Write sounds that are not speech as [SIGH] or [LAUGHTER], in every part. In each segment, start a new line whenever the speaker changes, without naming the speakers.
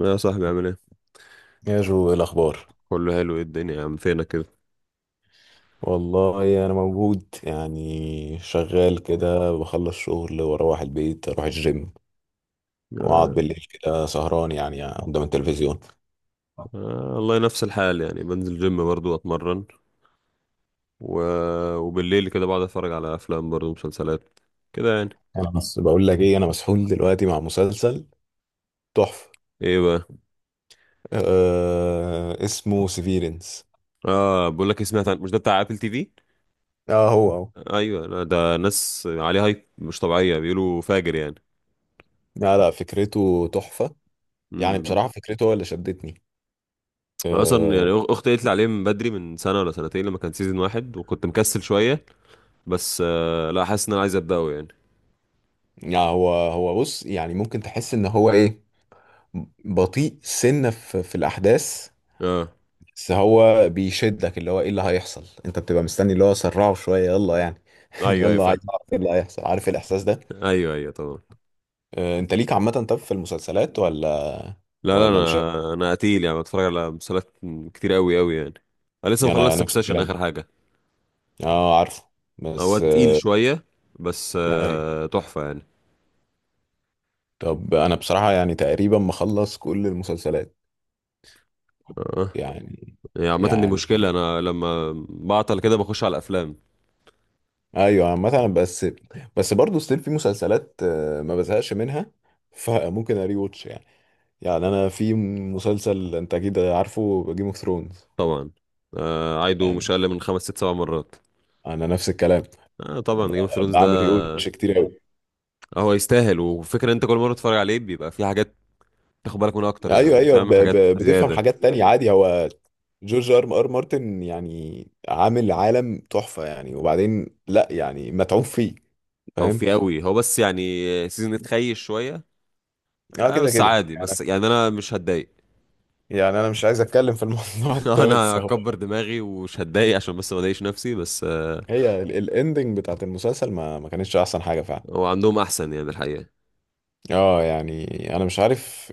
يا صاحبي عامل ايه؟
يا جو، إيه الأخبار؟
كله حلو. ايه الدنيا يا عم؟ فينك كده؟
والله أنا موجود يعني، شغال كده، بخلص شغل وأروح البيت، أروح الجيم، وأقعد
آه.
بالليل كده سهران يعني قدام التلفزيون.
آه، والله نفس الحال، يعني بنزل جيم برضو اتمرن. و... وبالليل كده بقعد اتفرج على افلام برضو مسلسلات كده يعني.
أنا بس بقول لك إيه، أنا مسحول دلوقتي مع مسلسل تحفة.
ايه بقى؟
آه، اسمه سيفيرنس.
اه، بقول لك إيه، سمعت عن، مش ده بتاع ابل تي في؟
آه، هو هو.
ايوه، لا ده ناس عليه هايب مش طبيعيه، بيقولوا فاجر يعني.
لا لا، فكرته تحفة. يعني
امم.
بصراحة فكرته هو اللي شدتني.
أنا اصلا
آه.
يعني اختي قالت لي عليه من بدري، من سنه ولا سنتين لما كان سيزون واحد، وكنت مكسل شويه. بس لا، حاسس ان انا عايز ابداه يعني.
يعني هو بص، يعني ممكن تحس إن هو إيه، بطيء سنة في الأحداث.
اه.
بس هو بيشدك، اللي هو ايه اللي هيحصل، انت بتبقى مستني اللي هو سرعه شويه، يلا يعني. [LAUGHS]
ايوه ايوه،
يلا
فاهم.
عايز اعرف ايه اللي هيحصل، عارف إيه الاحساس ده.
ايوه ايوه، طبعا.
آه، انت ليك عامه طب في المسلسلات ولا
لا لا،
ولا مش عارف؟
انا قتيل يعني، بتفرج على مسلسلات كتير قوي قوي يعني. انا لسه
يعني انا
مخلص
نفس
سكسيشن،
الكلام.
اخر حاجه.
اه عارفه.
هو
بس
تقيل شويه، بس
يعني.
تحفه يعني.
طب انا بصراحه يعني تقريبا مخلص كل المسلسلات.
اه
يعني.
يعني، عامه دي
يعني
مشكله، انا لما بعطل كده بخش على افلام.
ايوه مثلا. بس بس برضه ستيل في مسلسلات ما بزهقش منها، فممكن اري واتش يعني. يعني انا في مسلسل، انت اكيد عارفه، جيم اوف ثرونز.
طبعا. عايده مش
يعني
اقل من خمس ست سبع مرات.
انا نفس الكلام.
طبعا
ب-
جيم اوف ثرونز ده
بعمل ريوتش كتير قوي.
هو يستاهل. وفكره انت كل مره تتفرج عليه بيبقى في حاجات تاخد بالك منها اكتر،
ايوه
يعني
ايوه،
فاهم، حاجات
بتفهم
زياده.
حاجات تانية عادي. هو جورج ار ار مارتن يعني عامل عالم تحفة يعني، وبعدين لا يعني متعوب فيه.
او في
فاهم.
قوي، هو بس يعني سيزون اتخيش شويه.
اه كده
بس
كده
عادي،
يعني.
بس يعني انا مش هتضايق.
يعني انا مش عايز اتكلم في الموضوع
[LAUGHS]
[LAUGHS] ده،
انا
بس هو
هكبر دماغي ومش هتضايق، عشان بس ما اضايقش نفسي بس آه،
هي الاندنج بتاعت المسلسل ما كانتش احسن حاجة فعلا.
هو عندهم احسن يعني الحقيقه.
اه يعني انا مش عارف،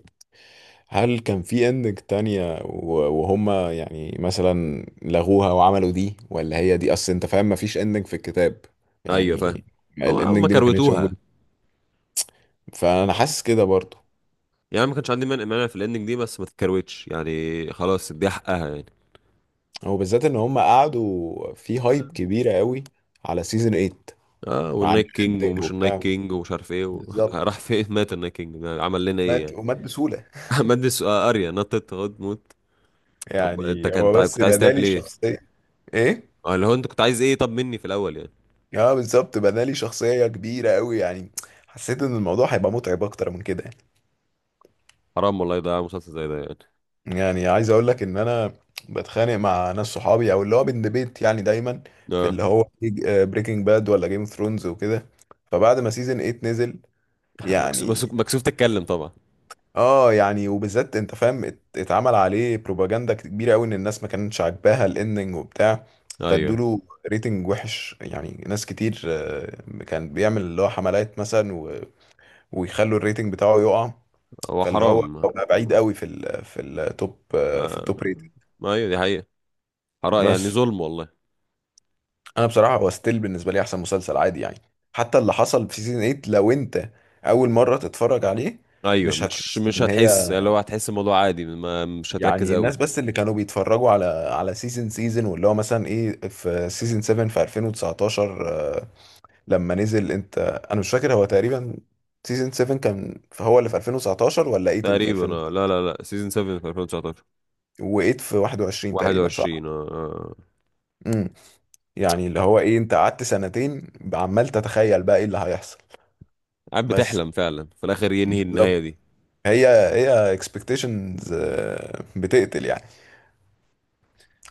هل كان في اندنج تانية وهم يعني مثلا لغوها وعملوا دي، ولا هي دي اصل؟ انت فاهم، مفيش اندنج في الكتاب
ايوه فاهم.
يعني،
هو
الاندنج
هم
دي ما كانتش
كروتوها
موجودة. فانا حاسس كده برضو.
يعني. ما كانش عندي مانع في الاندنج دي، بس ما تتكروتش يعني، خلاص دي حقها يعني.
هو بالذات ان هم قعدوا في هايب كبيرة قوي على سيزون 8،
اه،
وعن
والنايت كينج،
الاندنج
ومش النايت
وبتاع.
كينج، ومش عارف ايه [LAUGHS]
بالظبط.
راح فين؟ مات النايت كينج ده، عمل لنا ايه
مات
يعني؟
ومات بسهولة.
[LAUGHS] مادس اريا نطت غد موت. طب انت
يعني هو بس
كنت عايز
بنالي
تعمل ايه؟
الشخصية. ايه.
اه، اللي هو انت كنت عايز ايه طب مني في الاول يعني.
اه بالظبط، بنالي شخصية كبيرة قوي يعني. حسيت ان الموضوع هيبقى متعب اكتر من كده يعني.
حرام والله، يضيع مسلسل زي ده يعني.
يعني عايز اقول لك ان انا بتخانق مع ناس صحابي، او اللي هو بندبيت يعني، دايما في
اه.
اللي هو بريكنج باد ولا جيم اوف ثرونز وكده. فبعد ما سيزون 8 نزل
[LAUGHS] مكسوف
يعني،
مكسوف مكسوف تتكلم طبعا.
اه يعني، وبالذات انت فاهم، اتعمل عليه بروباجندا كبيرة قوي ان الناس ما كانتش عاجباها الاندنج وبتاع.
ايوه.
فادوله ريتنج وحش. يعني ناس كتير كان بيعمل اللي هو حملات مثلا، ويخلوا الريتنج بتاعه يقع.
هو
فاللي هو
حرام.
بقى بعيد قوي في ال في التوب، في
آه.
التوب ريتنج.
ايوه دي حقيقة. حرام يعني،
بس
ظلم والله.
انا بصراحه هو ستيل بالنسبه لي احسن مسلسل عادي يعني. حتى اللي حصل في سيزون 8، لو انت اول مره تتفرج عليه
ايوه،
مش
مش
هتحس
مش
ان
هتحس، اللي
هي.
هو هتحس الموضوع عادي، ما مش هتركز
يعني
قوي.
الناس بس اللي كانوا بيتفرجوا على سيزون واللي هو مثلا ايه في سيزون 7 في 2019. آه، لما نزل انت، انا مش فاكر، هو تقريبا سيزون 7 كان هو اللي في 2019 ولا 8 اللي في
تقريبا آه. لا لا لا، سيزون 7 في 2019.
2019، و8 في 21 تقريبا صح.
21، اه آه.
امم يعني اللي هو ايه، انت قعدت سنتين عمال تتخيل بقى ايه اللي هيحصل.
قاعد
بس
بتحلم فعلا في الاخر ينهي النهاية
بالظبط،
دي.
هي اكسبكتيشنز بتقتل يعني.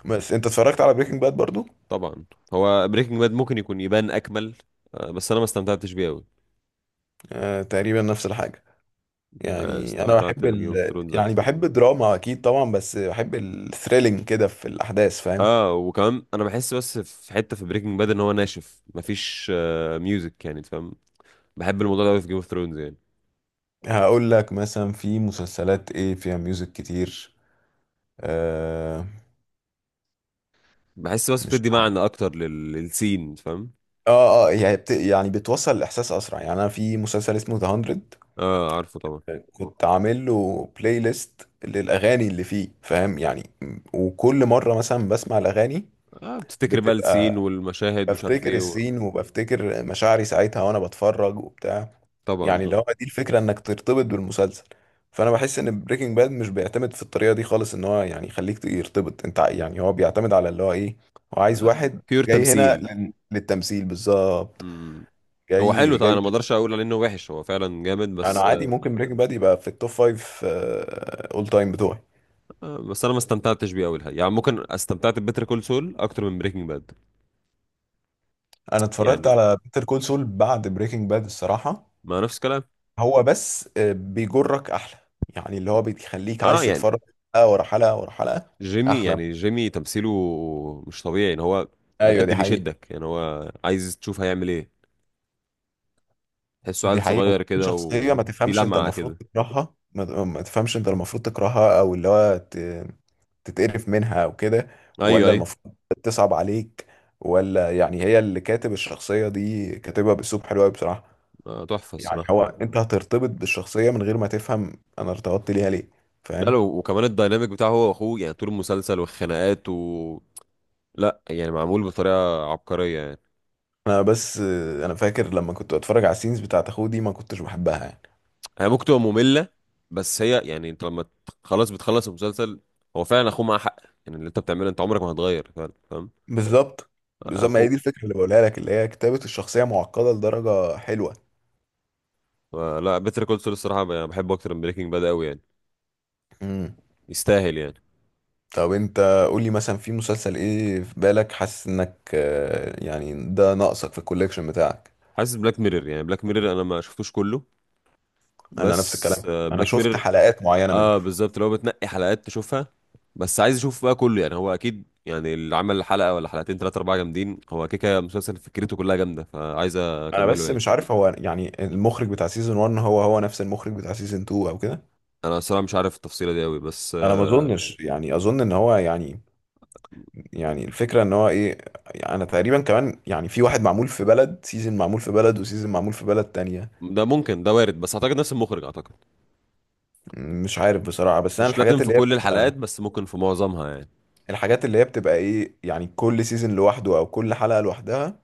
بس انت اتفرجت على بريكنج باد برضو.
طبعا. هو بريكنج باد ممكن يكون يبان اكمل آه. بس انا ما استمتعتش بيه قوي.
آه، تقريبا نفس الحاجة.
آه.
يعني انا
استمتعت
بحب
بجيم اوف ثرونز
يعني
اكتر.
بحب الدراما اكيد طبعا، بس بحب الثريلينج كده في الاحداث فاهم.
اه. وكمان انا بحس، بس في حته في بريكنج باد ان هو ناشف، مفيش ميوزك يعني، أنت فاهم. بحب الموضوع ده قوي في جيم اوف ثرونز يعني.
هقول لك مثلا في مسلسلات ايه فيها ميوزك كتير. آه.
بحس بس
مش
بتدي
عارف.
معنى اكتر للسين، فاهم.
اه اه، يعني بتوصل الاحساس اسرع. يعني انا في مسلسل اسمه ذا 100،
اه عارفه طبعا.
كنت عامل له بلاي ليست للاغاني اللي فيه، فاهم يعني، وكل مره مثلا بسمع الاغاني
اه، بتفتكر بقى السين
بتبقى
والمشاهد ومش عارف
بفتكر
ايه
السين وبفتكر مشاعري ساعتها وانا بتفرج وبتاع.
طبعا
يعني اللي
طبعا.
هو دي الفكره، انك ترتبط بالمسلسل. فانا بحس ان بريكنج باد مش بيعتمد في الطريقه دي خالص، ان هو يعني يخليك يرتبط انت، يعني هو بيعتمد على اللي هو ايه، هو عايز
آه
واحد
بيور
جاي هنا
تمثيل.
للتمثيل بالظبط.
مم. هو حلو
جاي
طبعا، انا
جاي.
ما اقدرش اقول عليه انه وحش، هو فعلا جامد،
انا
بس
عادي، ممكن بريكنج باد يبقى في التوب فايف اول تايم بتوعي.
بس انا ما استمتعتش بيه قوي الحقيقة. يعني ممكن استمتعت ببيتر كول سول اكتر من بريكنج باد
انا اتفرجت
يعني،
على بيتر كول سول بعد بريكنج باد الصراحه.
ما نفس الكلام.
هو بس بيجرك احلى، يعني اللي هو بيخليك
اه
عايز
يعني،
تتفرج حلقه ورا حلقه ورا حلقه.
جيمي،
احلى.
يعني جيمي تمثيله مش طبيعي يعني. هو
ايوه
بجد
دي حقيقه.
بيشدك يعني، هو عايز تشوف هيعمل ايه. تحسه
دي
عيل
حقيقه،
صغير
وبعدين
كده،
شخصيه ما
وفي
تفهمش انت
لمعة
المفروض
كده.
تكرهها، ما تفهمش انت المفروض تكرهها، او اللي هو تتقرف منها او كده،
ايوه
ولا
ايوه.
المفروض تصعب عليك، ولا يعني. هي اللي كاتب الشخصيه دي كاتبها باسلوب حلو قوي بصراحه.
تحفه
يعني
الصراحه.
هو انت هترتبط بالشخصيه من غير ما تفهم انا ارتبطت ليها ليه،
لا،
فاهم.
لو وكمان الديناميك بتاعه هو واخوه يعني، طول المسلسل والخناقات و لا يعني، معمول بطريقه عبقريه يعني.
انا بس انا فاكر لما كنت بتفرج على السينز بتاعت اخوه دي ما كنتش بحبها يعني.
هي ممكن تبقى ممله، بس هي يعني انت خلاص، بتخلص المسلسل، هو فعلا اخوه معاه حق. يعني اللي انت بتعمله انت عمرك ما هتغير فعلا، فاهم.
بالظبط. بالظبط ما هي
اخوه.
دي الفكره اللي بقولها لك، اللي هي كتابه الشخصيه معقده لدرجه حلوه.
لا بيتر كول سول الصراحه يعني بحبه اكتر من بريكنج باد قوي يعني،
امم
يستاهل يعني.
طب انت قول لي مثلا في مسلسل ايه في بالك، حاسس انك يعني ده ناقصك في الكوليكشن بتاعك.
حاسس بلاك ميرور، يعني بلاك ميرور انا ما شفتوش كله،
انا نفس
بس
الكلام، انا
بلاك
شفت
ميرور.
حلقات معينه منه.
اه بالظبط، لو بتنقي حلقات تشوفها. بس عايز اشوف بقى كله يعني، هو اكيد يعني اللي عمل حلقه ولا حلقتين ثلاثه اربعه جامدين، هو كده كده مسلسل فكرته كلها جامده، فعايز
انا
اكمله
بس
يعني.
مش عارف، هو يعني المخرج بتاع سيزون 1 هو هو نفس المخرج بتاع سيزون 2 او كده.
انا الصراحه مش عارف التفصيله دي قوي بس
انا ما
آه،
اظنش، يعني اظن ان هو يعني، يعني الفكرة ان هو ايه، يعني انا تقريبا كمان يعني في واحد معمول في بلد، سيزون معمول في بلد، وسيزون معمول في بلد تانية.
ده ممكن، ده وارد، بس اعتقد نفس المخرج اعتقد.
مش عارف بصراحة. بس انا
مش لازم
الحاجات
في
اللي هي
كل الحلقات،
بتبقى،
بس ممكن في معظمها يعني.
الحاجات اللي هي بتبقى ايه يعني، كل سيزون لوحده او كل حلقة لوحدها.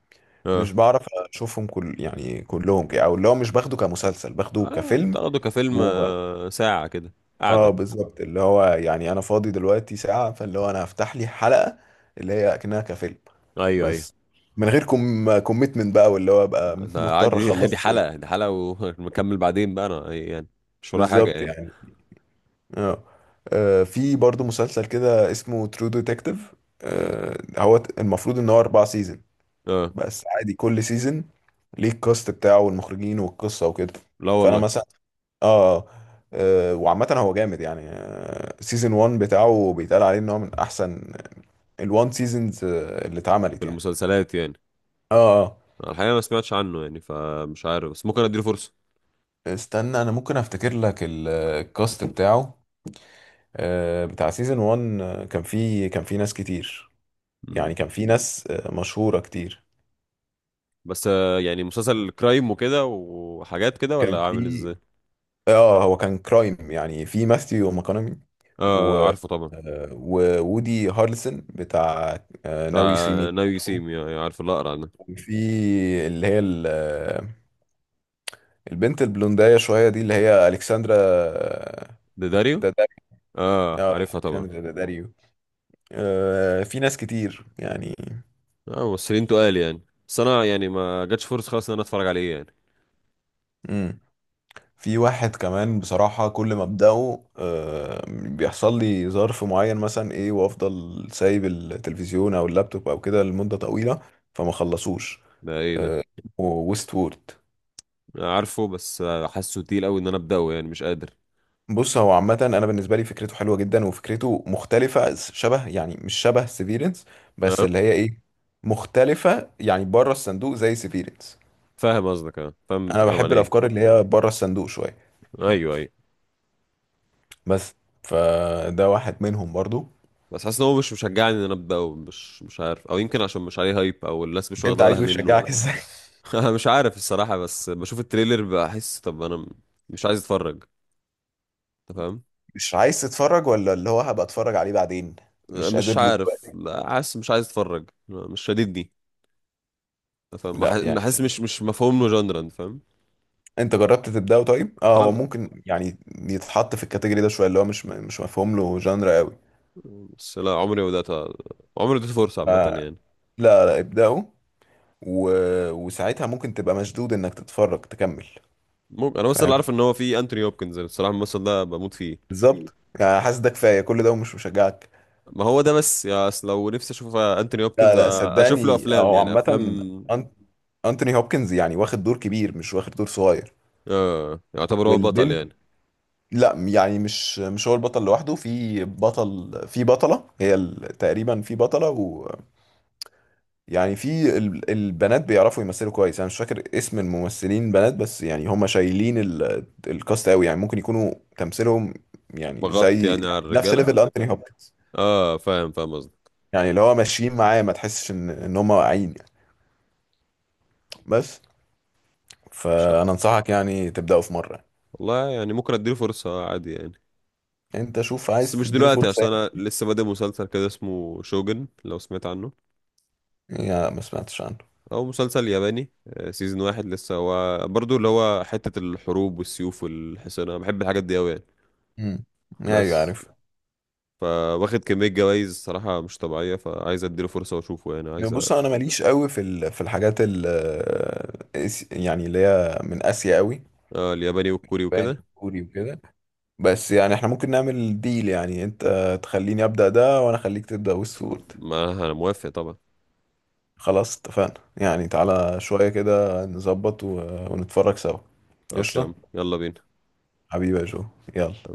مش
اه.
بعرف اشوفهم كل يعني كلهم كده، او اللي هو مش باخده كمسلسل، باخده كفيلم.
بتاخده كفيلم،
وب...
ساعه كده
اه
قاعده.
بالظبط، اللي هو يعني انا فاضي دلوقتي ساعة، فاللي هو انا هفتح لي حلقة اللي هي اكنها كفيلم.
ايوه ايوه.
بس من غير كوميتمنت بقى، واللي هو ابقى
ده
مضطر
عادي. [LAUGHS] دي
اخلصه.
حلقه، دي حلقه ونكمل. [LAUGHS] بعدين بقى انا يعني مش ورايا حاجه
بالظبط
يعني.
يعني. اه. في برضو مسلسل كده اسمه ترو ديتكتيف. هو المفروض ان هو اربع سيزون،
اه.
بس عادي كل سيزون ليه الكاست بتاعه والمخرجين والقصة وكده.
لا
فانا
والله.
مثلا. اه وعامة هو جامد يعني. سيزون 1 بتاعه بيتقال عليه ان هو من احسن الوان سيزونز اللي
في
اتعملت يعني.
المسلسلات يعني.
اه اه.
الحقيقة ما سمعتش عنه يعني، فمش عارف، بس ممكن اديله فرصة.
استنى، انا ممكن افتكر لك الكاست بتاعه. آه، بتاع سيزون 1 كان فيه ناس كتير. يعني
مم.
كان في ناس مشهورة كتير.
بس آه، يعني مسلسل كرايم وكده، وحاجات كده،
كان
ولا عامل
في،
ازاي؟
اه هو كان كرايم. يعني في ماثيو ماكونامي
اه
و...
عارفه طبعا.
وودي هارلسون بتاع
بتاع
ناوي سي مي.
ناو يو سي مي، يعني عارف الأقرع ده.
وفي اللي هي البنت البلونداية شوية دي، اللي هي ألكسندرا
ده داريو؟
دا... دا...
اه
آه،
عارفها طبعا.
ألكسندرا داداريو. آه، في ناس كتير يعني.
اه، ممثلين تقال يعني. بس انا يعني ما جاتش فرصة خالص ان انا اتفرج عليه يعني.
مم. في واحد كمان بصراحة، كل ما ابدأه بيحصل لي ظرف معين مثلا ايه، وافضل سايب التلفزيون او اللابتوب او كده لمدة طويلة، فما خلصوش.
ده ايه ده؟
ويست وورد.
أنا عارفه، بس حاسه تقيل قوي ان انا ابدأه يعني، مش قادر.
بص هو عامة انا بالنسبة لي فكرته حلوة جدا، وفكرته مختلفة، شبه يعني مش شبه سيفيرنس، بس
اه
اللي هي ايه، مختلفة يعني بره الصندوق زي سيفيرنس.
فاهم قصدك، اه فاهم
انا
بتتكلم عن
بحب
ايه.
الافكار اللي هي بره الصندوق شوية.
ايوه ايوه.
بس فده واحد منهم برضو.
بس حاسس ان هو مش مشجعني ان انا ابدا، مش عارف، او يمكن عشان مش عليه هايب، او الناس مش
انت
واخده بالها
عايزه
منه.
يشجعك ازاي؟
[LAUGHS] انا مش عارف الصراحه، بس بشوف التريلر بحس، طب مش عايز اتفرج، انت فاهم.
مش عايز تتفرج ولا اللي هو هبقى اتفرج عليه بعدين؟ مش قادر
مش
له
عارف،
دلوقتي؟
لا حاسس مش عايز اتفرج، مش شديدني، انت فاهم.
لا يعني
حاسس مش مفهوم له جندرا، انت فاهم.
انت جربت تبدأه طيب؟ اه هو
خالص.
ممكن يعني يتحط في الكاتيجوري ده شويه، اللي هو مش مفهوم له جانرا قوي.
بس لا، عمري ما اديته فرصه
ف-
عامه
لا
يعني.
لا، ابدأه و... وساعتها ممكن تبقى مشدود انك تتفرج تكمل.
ممكن، انا بس اللي
فاهم.
عارف ان هو في انتوني هوبكنز، الصراحه الممثل ده بموت فيه.
بالظبط يعني، حاسس ده كفايه، كل ده ومش مشجعك.
ما هو ده بس، يا اصل لو نفسي اشوف
لا لا،
اشوف له
صدقني
افلام،
هو
يعني
عامه
افلام.
أنت. انتوني هوبكنز يعني واخد دور كبير، مش واخد دور صغير.
اه يعتبر هو بطل
والبنت،
يعني.
لا يعني مش هو البطل لوحده، في بطل في بطلة، هي تقريبا في بطلة، ويعني في البنات بيعرفوا يمثلوا كويس. انا مش فاكر اسم الممثلين بنات، بس يعني هم شايلين الكاست قوي. يعني ممكن يكونوا تمثيلهم يعني
مغطي
زي يعني
يعني على
نفس
الرجالة.
ليفل انتوني هوبكنز،
اه فاهم فاهم قصدك.
يعني اللي هو ماشيين معاه ما تحسش ان هم واقعين يعني. بس
مش عارف.
فانا انصحك يعني تبدأوا في مرة.
والله يعني ممكن اديله فرصة، عادي يعني.
انت شوف،
بس
عايز
مش
تديله
دلوقتي،
فرصة
عشان انا
يعني.
لسه بادئ مسلسل كده اسمه شوجن، لو سمعت عنه.
يعني ما سمعتش عنه.
او مسلسل ياباني، سيزون واحد لسه، هو برضو اللي هو حتة الحروب والسيوف والحصان، انا بحب الحاجات دي اوي يعني.
امم ايوه
بس
عارف.
فواخد كمية جوايز صراحة مش طبيعية، فعايز اديله فرصة واشوفه يعني
يعني
عايز
بص
أ-
انا ماليش قوي في في الحاجات يعني اللي هي من اسيا قوي.
الياباني والكوري
ياباني
وكده.
كوري وكده. بس يعني احنا ممكن نعمل ديل، يعني انت تخليني ابدا ده وانا اخليك تبدا ويستورد.
ما انا موافق طبعا.
خلاص اتفقنا، يعني تعالى شويه كده نظبط ونتفرج سوا.
خلاص يا
قشطه.
عم، يلا بينا
حبيبي يا جو. يلا.